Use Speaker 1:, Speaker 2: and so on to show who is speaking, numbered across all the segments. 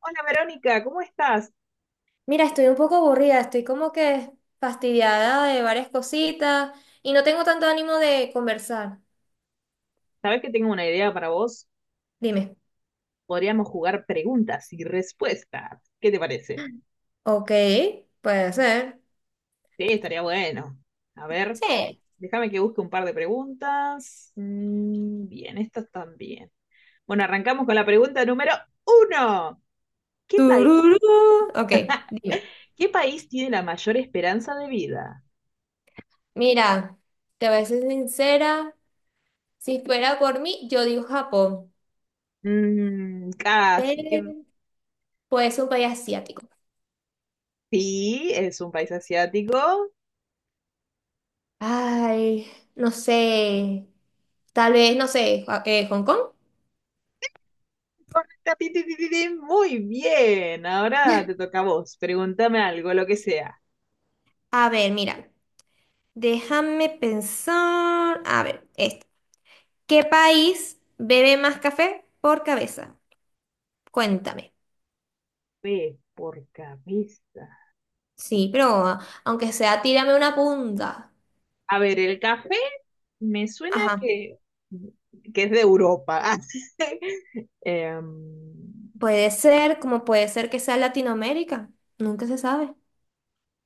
Speaker 1: Hola Verónica, ¿cómo estás?
Speaker 2: Mira, estoy un poco aburrida, estoy como que fastidiada de varias cositas y no tengo tanto ánimo de conversar.
Speaker 1: Sabes que tengo una idea para vos.
Speaker 2: Dime.
Speaker 1: Podríamos jugar preguntas y respuestas. ¿Qué te parece?
Speaker 2: Ok, puede ser.
Speaker 1: Sí, estaría bueno. A ver,
Speaker 2: Sí.
Speaker 1: déjame que busque un par de preguntas. Bien, estas también. Bueno, arrancamos con la pregunta número uno. ¿Qué país?
Speaker 2: Tururú. Ok, dime.
Speaker 1: ¿Qué país tiene la mayor esperanza de vida?
Speaker 2: Mira, te voy a ser sincera, si fuera por mí, yo digo Japón, pero
Speaker 1: Casi que
Speaker 2: puede ser un país asiático.
Speaker 1: sí, es un país asiático.
Speaker 2: Ay, no sé, tal vez, no sé, Hong Kong.
Speaker 1: Correcta, ti, ti, ti, ti, ti. Muy bien, ahora te toca a vos. Pregúntame algo, lo que sea.
Speaker 2: A ver, mira, déjame pensar. A ver, este. ¿Qué país bebe más café por cabeza? Cuéntame.
Speaker 1: P por cabeza.
Speaker 2: Sí, pero aunque sea, tírame una punta.
Speaker 1: A ver, el café me suena
Speaker 2: Ajá.
Speaker 1: que es de Europa. Em,
Speaker 2: Puede ser, como puede ser que sea Latinoamérica. Nunca se sabe.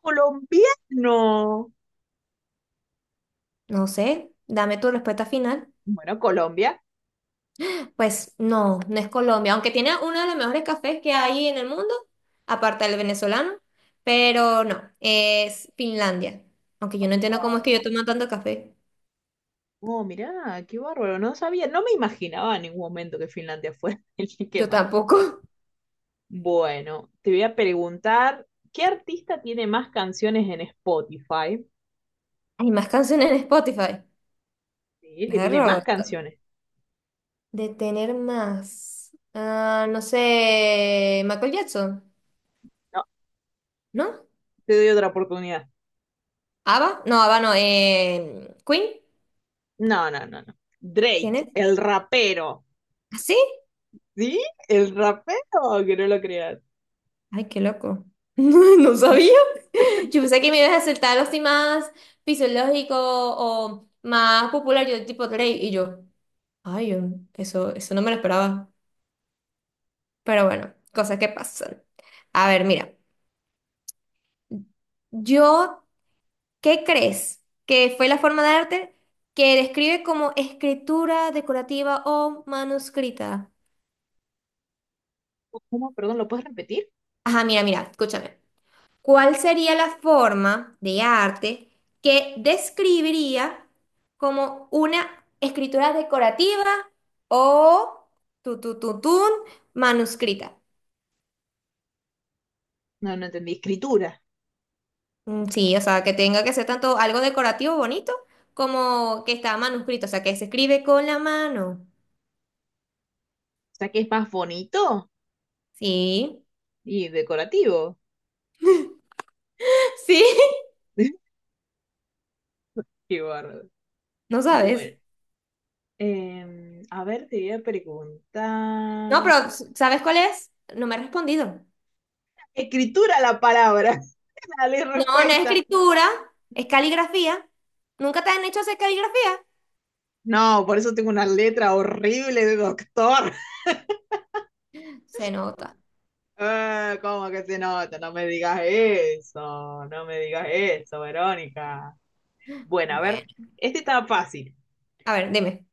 Speaker 1: colombiano.
Speaker 2: No sé. Dame tu respuesta final.
Speaker 1: Bueno, Colombia.
Speaker 2: Pues no, no es Colombia, aunque tiene uno de los mejores cafés que hay en el mundo, aparte del venezolano, pero no, es Finlandia. Aunque yo no entiendo cómo es que yo tomo tanto café.
Speaker 1: Oh, mirá, qué bárbaro, no sabía, no me imaginaba en ningún momento que Finlandia fuera el que
Speaker 2: Yo
Speaker 1: más.
Speaker 2: tampoco.
Speaker 1: Bueno, te voy a preguntar, ¿qué artista tiene más canciones en Spotify?
Speaker 2: Hay más canciones en Spotify.
Speaker 1: Sí, que tiene
Speaker 2: Perro.
Speaker 1: más canciones.
Speaker 2: De tener más. Ah, no sé. Michael Jackson,
Speaker 1: No,
Speaker 2: ¿no?
Speaker 1: te doy otra oportunidad.
Speaker 2: ¿Ava? No, Ava no. ¿Queen?
Speaker 1: No, no, no, no.
Speaker 2: ¿Quién
Speaker 1: Drake,
Speaker 2: es?
Speaker 1: el rapero.
Speaker 2: ¿Ah, sí?
Speaker 1: ¿Sí? El rapero, que no lo creas.
Speaker 2: Ay, qué loco. No sabía. Yo pensé que me ibas a acertar los más fisiológico o más popular, yo tipo Drake. Y yo, ay, eso no me lo esperaba. Pero bueno, cosas que pasan. A ver, mira. Yo, ¿qué crees? Que fue la forma de arte que describe como escritura decorativa o manuscrita.
Speaker 1: ¿Cómo? Perdón, ¿lo puedes repetir?
Speaker 2: Ajá, mira, mira, escúchame. ¿Cuál sería la forma de arte que describiría como una escritura decorativa o tu, tu, tu, tun, manuscrita?
Speaker 1: No, no entendí. Escritura.
Speaker 2: Mm, sí, o sea, que tenga que ser tanto algo decorativo bonito como que está manuscrito, o sea, que se escribe con la mano.
Speaker 1: O sea que es más bonito
Speaker 2: Sí,
Speaker 1: y decorativo.
Speaker 2: sí,
Speaker 1: Qué bárbaro.
Speaker 2: no sabes.
Speaker 1: Bueno, a ver, te voy a
Speaker 2: No,
Speaker 1: preguntar.
Speaker 2: pero ¿sabes cuál es? No me has respondido.
Speaker 1: Escritura la palabra. Dale
Speaker 2: No, no es
Speaker 1: respuesta.
Speaker 2: escritura, es caligrafía. ¿Nunca te han hecho hacer caligrafía?
Speaker 1: No, por eso tengo una letra horrible de doctor.
Speaker 2: Se nota.
Speaker 1: ¿Cómo que se nota? No me digas eso, no me digas eso, Verónica. Bueno, a ver,
Speaker 2: Bueno,
Speaker 1: este está fácil.
Speaker 2: a ver, dime.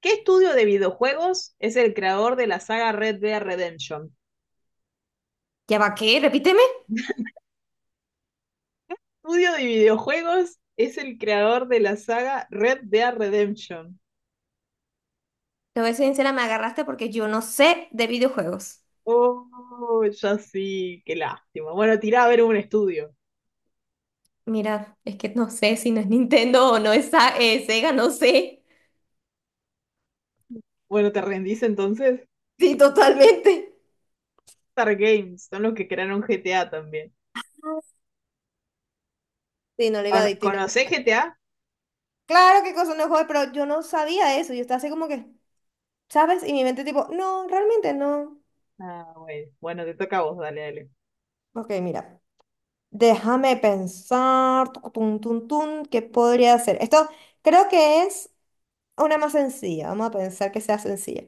Speaker 1: ¿Qué estudio de videojuegos es el creador de la saga Red Dead Redemption?
Speaker 2: ¿Ya va qué? Repíteme.
Speaker 1: Estudio de videojuegos es el creador de la saga Red Dead Redemption.
Speaker 2: Te voy a ser sincera, me agarraste porque yo no sé de videojuegos.
Speaker 1: Oh, ya sí, qué lástima. Bueno, tirá a ver un estudio.
Speaker 2: Mira, es que no sé si no es Nintendo o no es Sega, no sé.
Speaker 1: Bueno, ¿te rendís entonces?
Speaker 2: Sí, totalmente.
Speaker 1: Rockstar Games, son los que crearon GTA también.
Speaker 2: Sí, no le iba a
Speaker 1: ¿Cono-
Speaker 2: decir.
Speaker 1: ¿Conocés GTA?
Speaker 2: Claro que cosa no juego, pero yo no sabía eso. Yo estaba así como que. ¿Sabes? Y mi mente tipo, no, realmente no.
Speaker 1: Ah, bueno, bueno, te toca a vos, dale, dale.
Speaker 2: Ok, mira, déjame pensar, tucu, tun, tun, tun, ¿qué podría hacer? Esto creo que es una más sencilla, vamos a pensar que sea sencilla.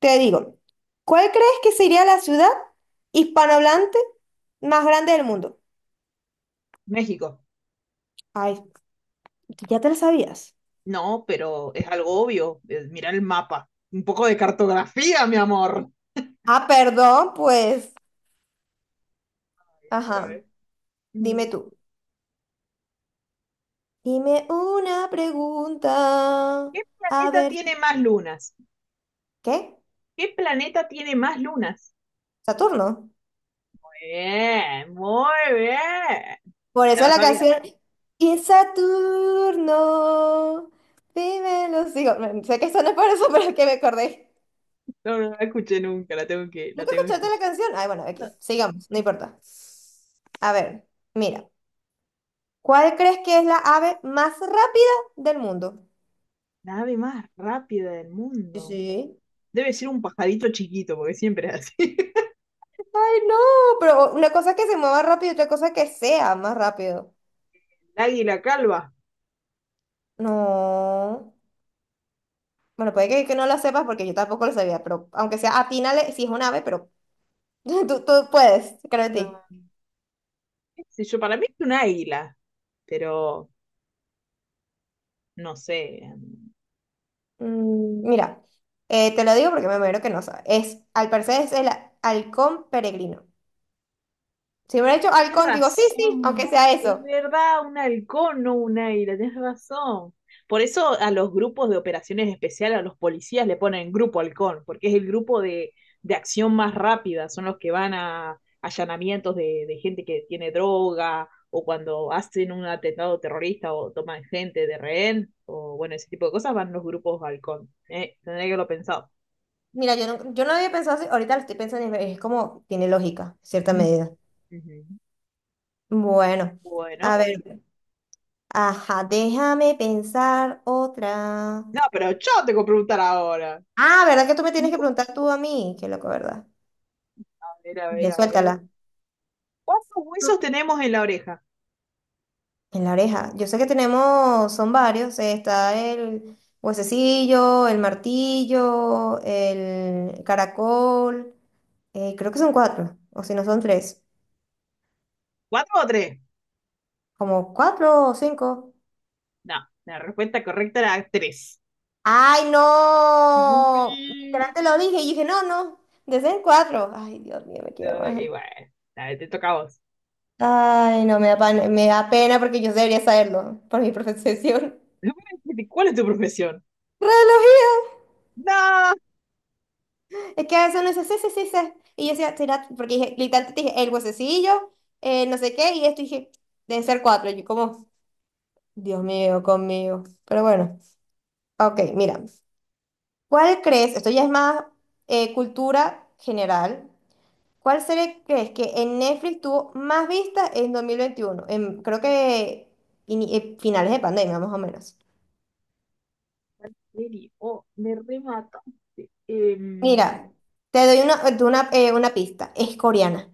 Speaker 2: Te digo, ¿cuál crees que sería la ciudad hispanohablante más grande del mundo?
Speaker 1: México.
Speaker 2: Ay, ya te lo sabías.
Speaker 1: No, pero es algo obvio. Mirá el mapa. Un poco de cartografía, mi amor.
Speaker 2: Ah, perdón, pues,
Speaker 1: Mira, a
Speaker 2: ajá,
Speaker 1: ver.
Speaker 2: dime
Speaker 1: Mm,
Speaker 2: tú. Dime una pregunta,
Speaker 1: ¿Qué
Speaker 2: a
Speaker 1: planeta
Speaker 2: ver,
Speaker 1: tiene más lunas?
Speaker 2: ¿qué?
Speaker 1: ¿Qué planeta tiene más lunas?
Speaker 2: ¿Saturno?
Speaker 1: Bien, muy bien.
Speaker 2: Por
Speaker 1: Ya
Speaker 2: eso
Speaker 1: la
Speaker 2: la
Speaker 1: sabía.
Speaker 2: canción Y Saturno, vive en los hijos. Bueno, sé que esto no es por eso, pero es que me acordé.
Speaker 1: No, no la escuché nunca, la
Speaker 2: ¿Nunca
Speaker 1: tengo que
Speaker 2: escuchaste la
Speaker 1: escuchar.
Speaker 2: canción? Ay, bueno, aquí,
Speaker 1: La
Speaker 2: sigamos, no importa. A ver, mira, ¿cuál crees que es la ave más rápida del mundo?
Speaker 1: nave más rápida del
Speaker 2: Sí,
Speaker 1: mundo.
Speaker 2: sí.
Speaker 1: Debe ser un pajarito chiquito, porque siempre es así.
Speaker 2: Ay, no, pero una cosa es que se mueva rápido y otra cosa es que sea más rápido.
Speaker 1: El águila calva.
Speaker 2: No. Bueno, puede que no lo sepas porque yo tampoco lo sabía, pero aunque sea atínale, si es un ave, pero tú puedes, creo en
Speaker 1: No,
Speaker 2: ti.
Speaker 1: qué sé yo, para mí es un águila, pero no sé.
Speaker 2: Mira, te lo digo porque me muero que no sabe. Es, al parecer es el halcón peregrino. Si hubiera hecho
Speaker 1: Tienes
Speaker 2: halcón, digo, sí, sí, aunque
Speaker 1: razón,
Speaker 2: sea
Speaker 1: es
Speaker 2: eso.
Speaker 1: verdad, un halcón, no un águila, tienes razón. Por eso a los grupos de operaciones especiales, a los policías le ponen grupo halcón, porque es el grupo de acción más rápida, son los que van a allanamientos de gente que tiene droga o cuando hacen un atentado terrorista o toman gente de rehén, o bueno, ese tipo de cosas, van los grupos halcón. Tendría que haberlo pensado.
Speaker 2: Mira, yo no había pensado así, ahorita lo estoy pensando y es como, tiene lógica, en cierta
Speaker 1: Mm,
Speaker 2: medida.
Speaker 1: ujú.
Speaker 2: Bueno, a
Speaker 1: Bueno,
Speaker 2: ver, ajá, déjame pensar otra.
Speaker 1: no, pero yo tengo que preguntar ahora.
Speaker 2: Ah, ¿verdad que tú me tienes que preguntar tú a mí? Qué loco, ¿verdad?
Speaker 1: A ver, a ver,
Speaker 2: Mire,
Speaker 1: a ver.
Speaker 2: suéltala.
Speaker 1: ¿Cuántos huesos tenemos en la oreja?
Speaker 2: En la oreja. Yo sé que tenemos, son varios. Está el huesecillo, el martillo, el caracol. Creo que son cuatro. O si no son tres.
Speaker 1: ¿Cuatro o tres?
Speaker 2: Como cuatro o cinco.
Speaker 1: No, la respuesta correcta era tres.
Speaker 2: ¡Ay, no! Literal
Speaker 1: Sí.
Speaker 2: te lo dije y dije, no, no. Deben cuatro. Ay, Dios mío, me queda
Speaker 1: Y
Speaker 2: más.
Speaker 1: bueno, dale, te toca a vos.
Speaker 2: Ay, no, me da pena porque yo debería saberlo por mi profesión.
Speaker 1: ¿Cuál es tu profesión?
Speaker 2: ¡Reloj!
Speaker 1: No.
Speaker 2: Es que a veces uno dice, sí, sí, sí, sí. Y yo decía, será, porque dije, literalmente te dije, el huesecillo, no sé qué, y esto y dije, deben ser cuatro. Y yo como, Dios mío, conmigo. Pero bueno, ok, mira. ¿Cuál crees? Esto ya es más cultura general. ¿Cuál serie crees que en Netflix tuvo más vistas en 2021? En, creo que finales de pandemia, más o menos.
Speaker 1: Oh, me remataste. Em,
Speaker 2: Mira, te doy una pista. Es coreana.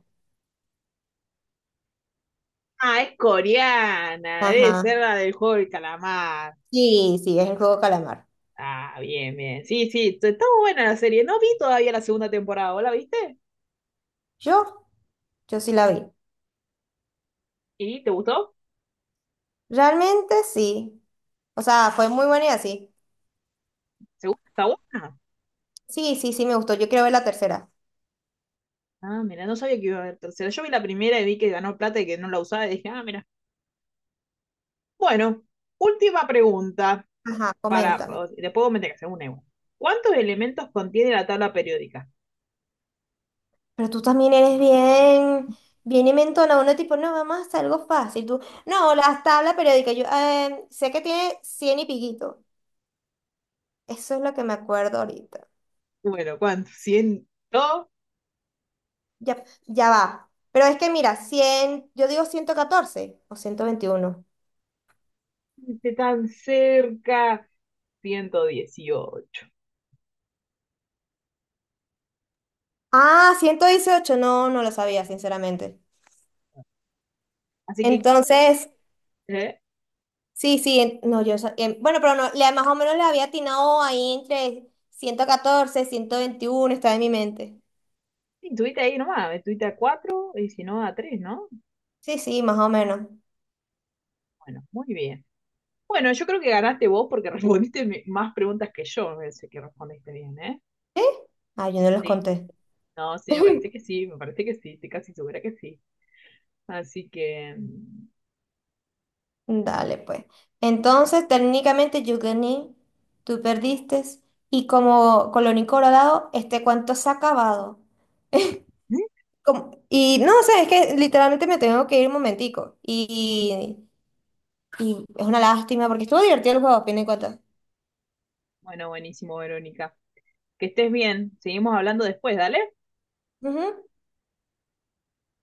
Speaker 1: ah, es coreana. Debe
Speaker 2: Ajá.
Speaker 1: ser la del juego del calamar.
Speaker 2: Sí, sí, es el juego calamar.
Speaker 1: Ah, bien, bien. Sí, sí, está muy buena la serie. No vi todavía la segunda temporada. ¿Vos la viste?
Speaker 2: Yo Yo sí la vi.
Speaker 1: ¿Y te gustó?
Speaker 2: Realmente sí. O sea, fue muy buena y así.
Speaker 1: ¿Seguro que está buena?
Speaker 2: Sí, sí, sí, me gustó. Yo quiero ver la tercera.
Speaker 1: Ah, mira, no sabía que iba a haber tercera. Yo vi la primera y vi que ganó plata y que no la usaba y dije, ah, mira. Bueno, última pregunta
Speaker 2: Ajá,
Speaker 1: para,
Speaker 2: coméntame.
Speaker 1: le puedo meter que sea un euro. ¿Cuántos elementos contiene la tabla periódica?
Speaker 2: Pero tú también eres bien, bien inventona. Uno tipo, no, vamos a hacer algo fácil. Tú, no, las tablas periódicas. Yo sé que tiene 100 y piquito. Eso es lo que me acuerdo ahorita.
Speaker 1: Bueno, ¿cuántos? ¿Ciento?
Speaker 2: Ya, ya va. Pero es que mira, 100 yo digo 114 o 121.
Speaker 1: Esté tan cerca. Ciento dieciocho.
Speaker 2: Ah, 118. No, no lo sabía, sinceramente.
Speaker 1: Así que, ¿quién?
Speaker 2: Entonces,
Speaker 1: ¿Eh?
Speaker 2: sí, sí, no, yo, bueno, pero no, más o menos le había atinado ahí entre 114, 121 está en mi mente.
Speaker 1: Sí, estuviste ahí nomás, estuviste a 4 y si no a 3, ¿no?
Speaker 2: Sí, sí, más o menos.
Speaker 1: Bueno, muy bien. Bueno, yo creo que ganaste vos porque respondiste más preguntas que yo, me parece que respondiste bien, ¿eh?
Speaker 2: ¿Sí? Ah, yo no los
Speaker 1: Sí,
Speaker 2: conté.
Speaker 1: no, sí, me parece que sí, me parece que sí, estoy casi segura que sí. Así que,
Speaker 2: Dale, pues. Entonces, técnicamente yo gané, tú perdiste, y como colorín colorado, este cuento se ha acabado.
Speaker 1: ¿Mm?
Speaker 2: Y no, o sea, es que literalmente me tengo que ir un momentico. Y es una lástima, porque estuvo divertido el juego, a fin de cuentas.
Speaker 1: Bueno, buenísimo, Verónica. Que estés bien, seguimos hablando después, dale.
Speaker 2: Ujú.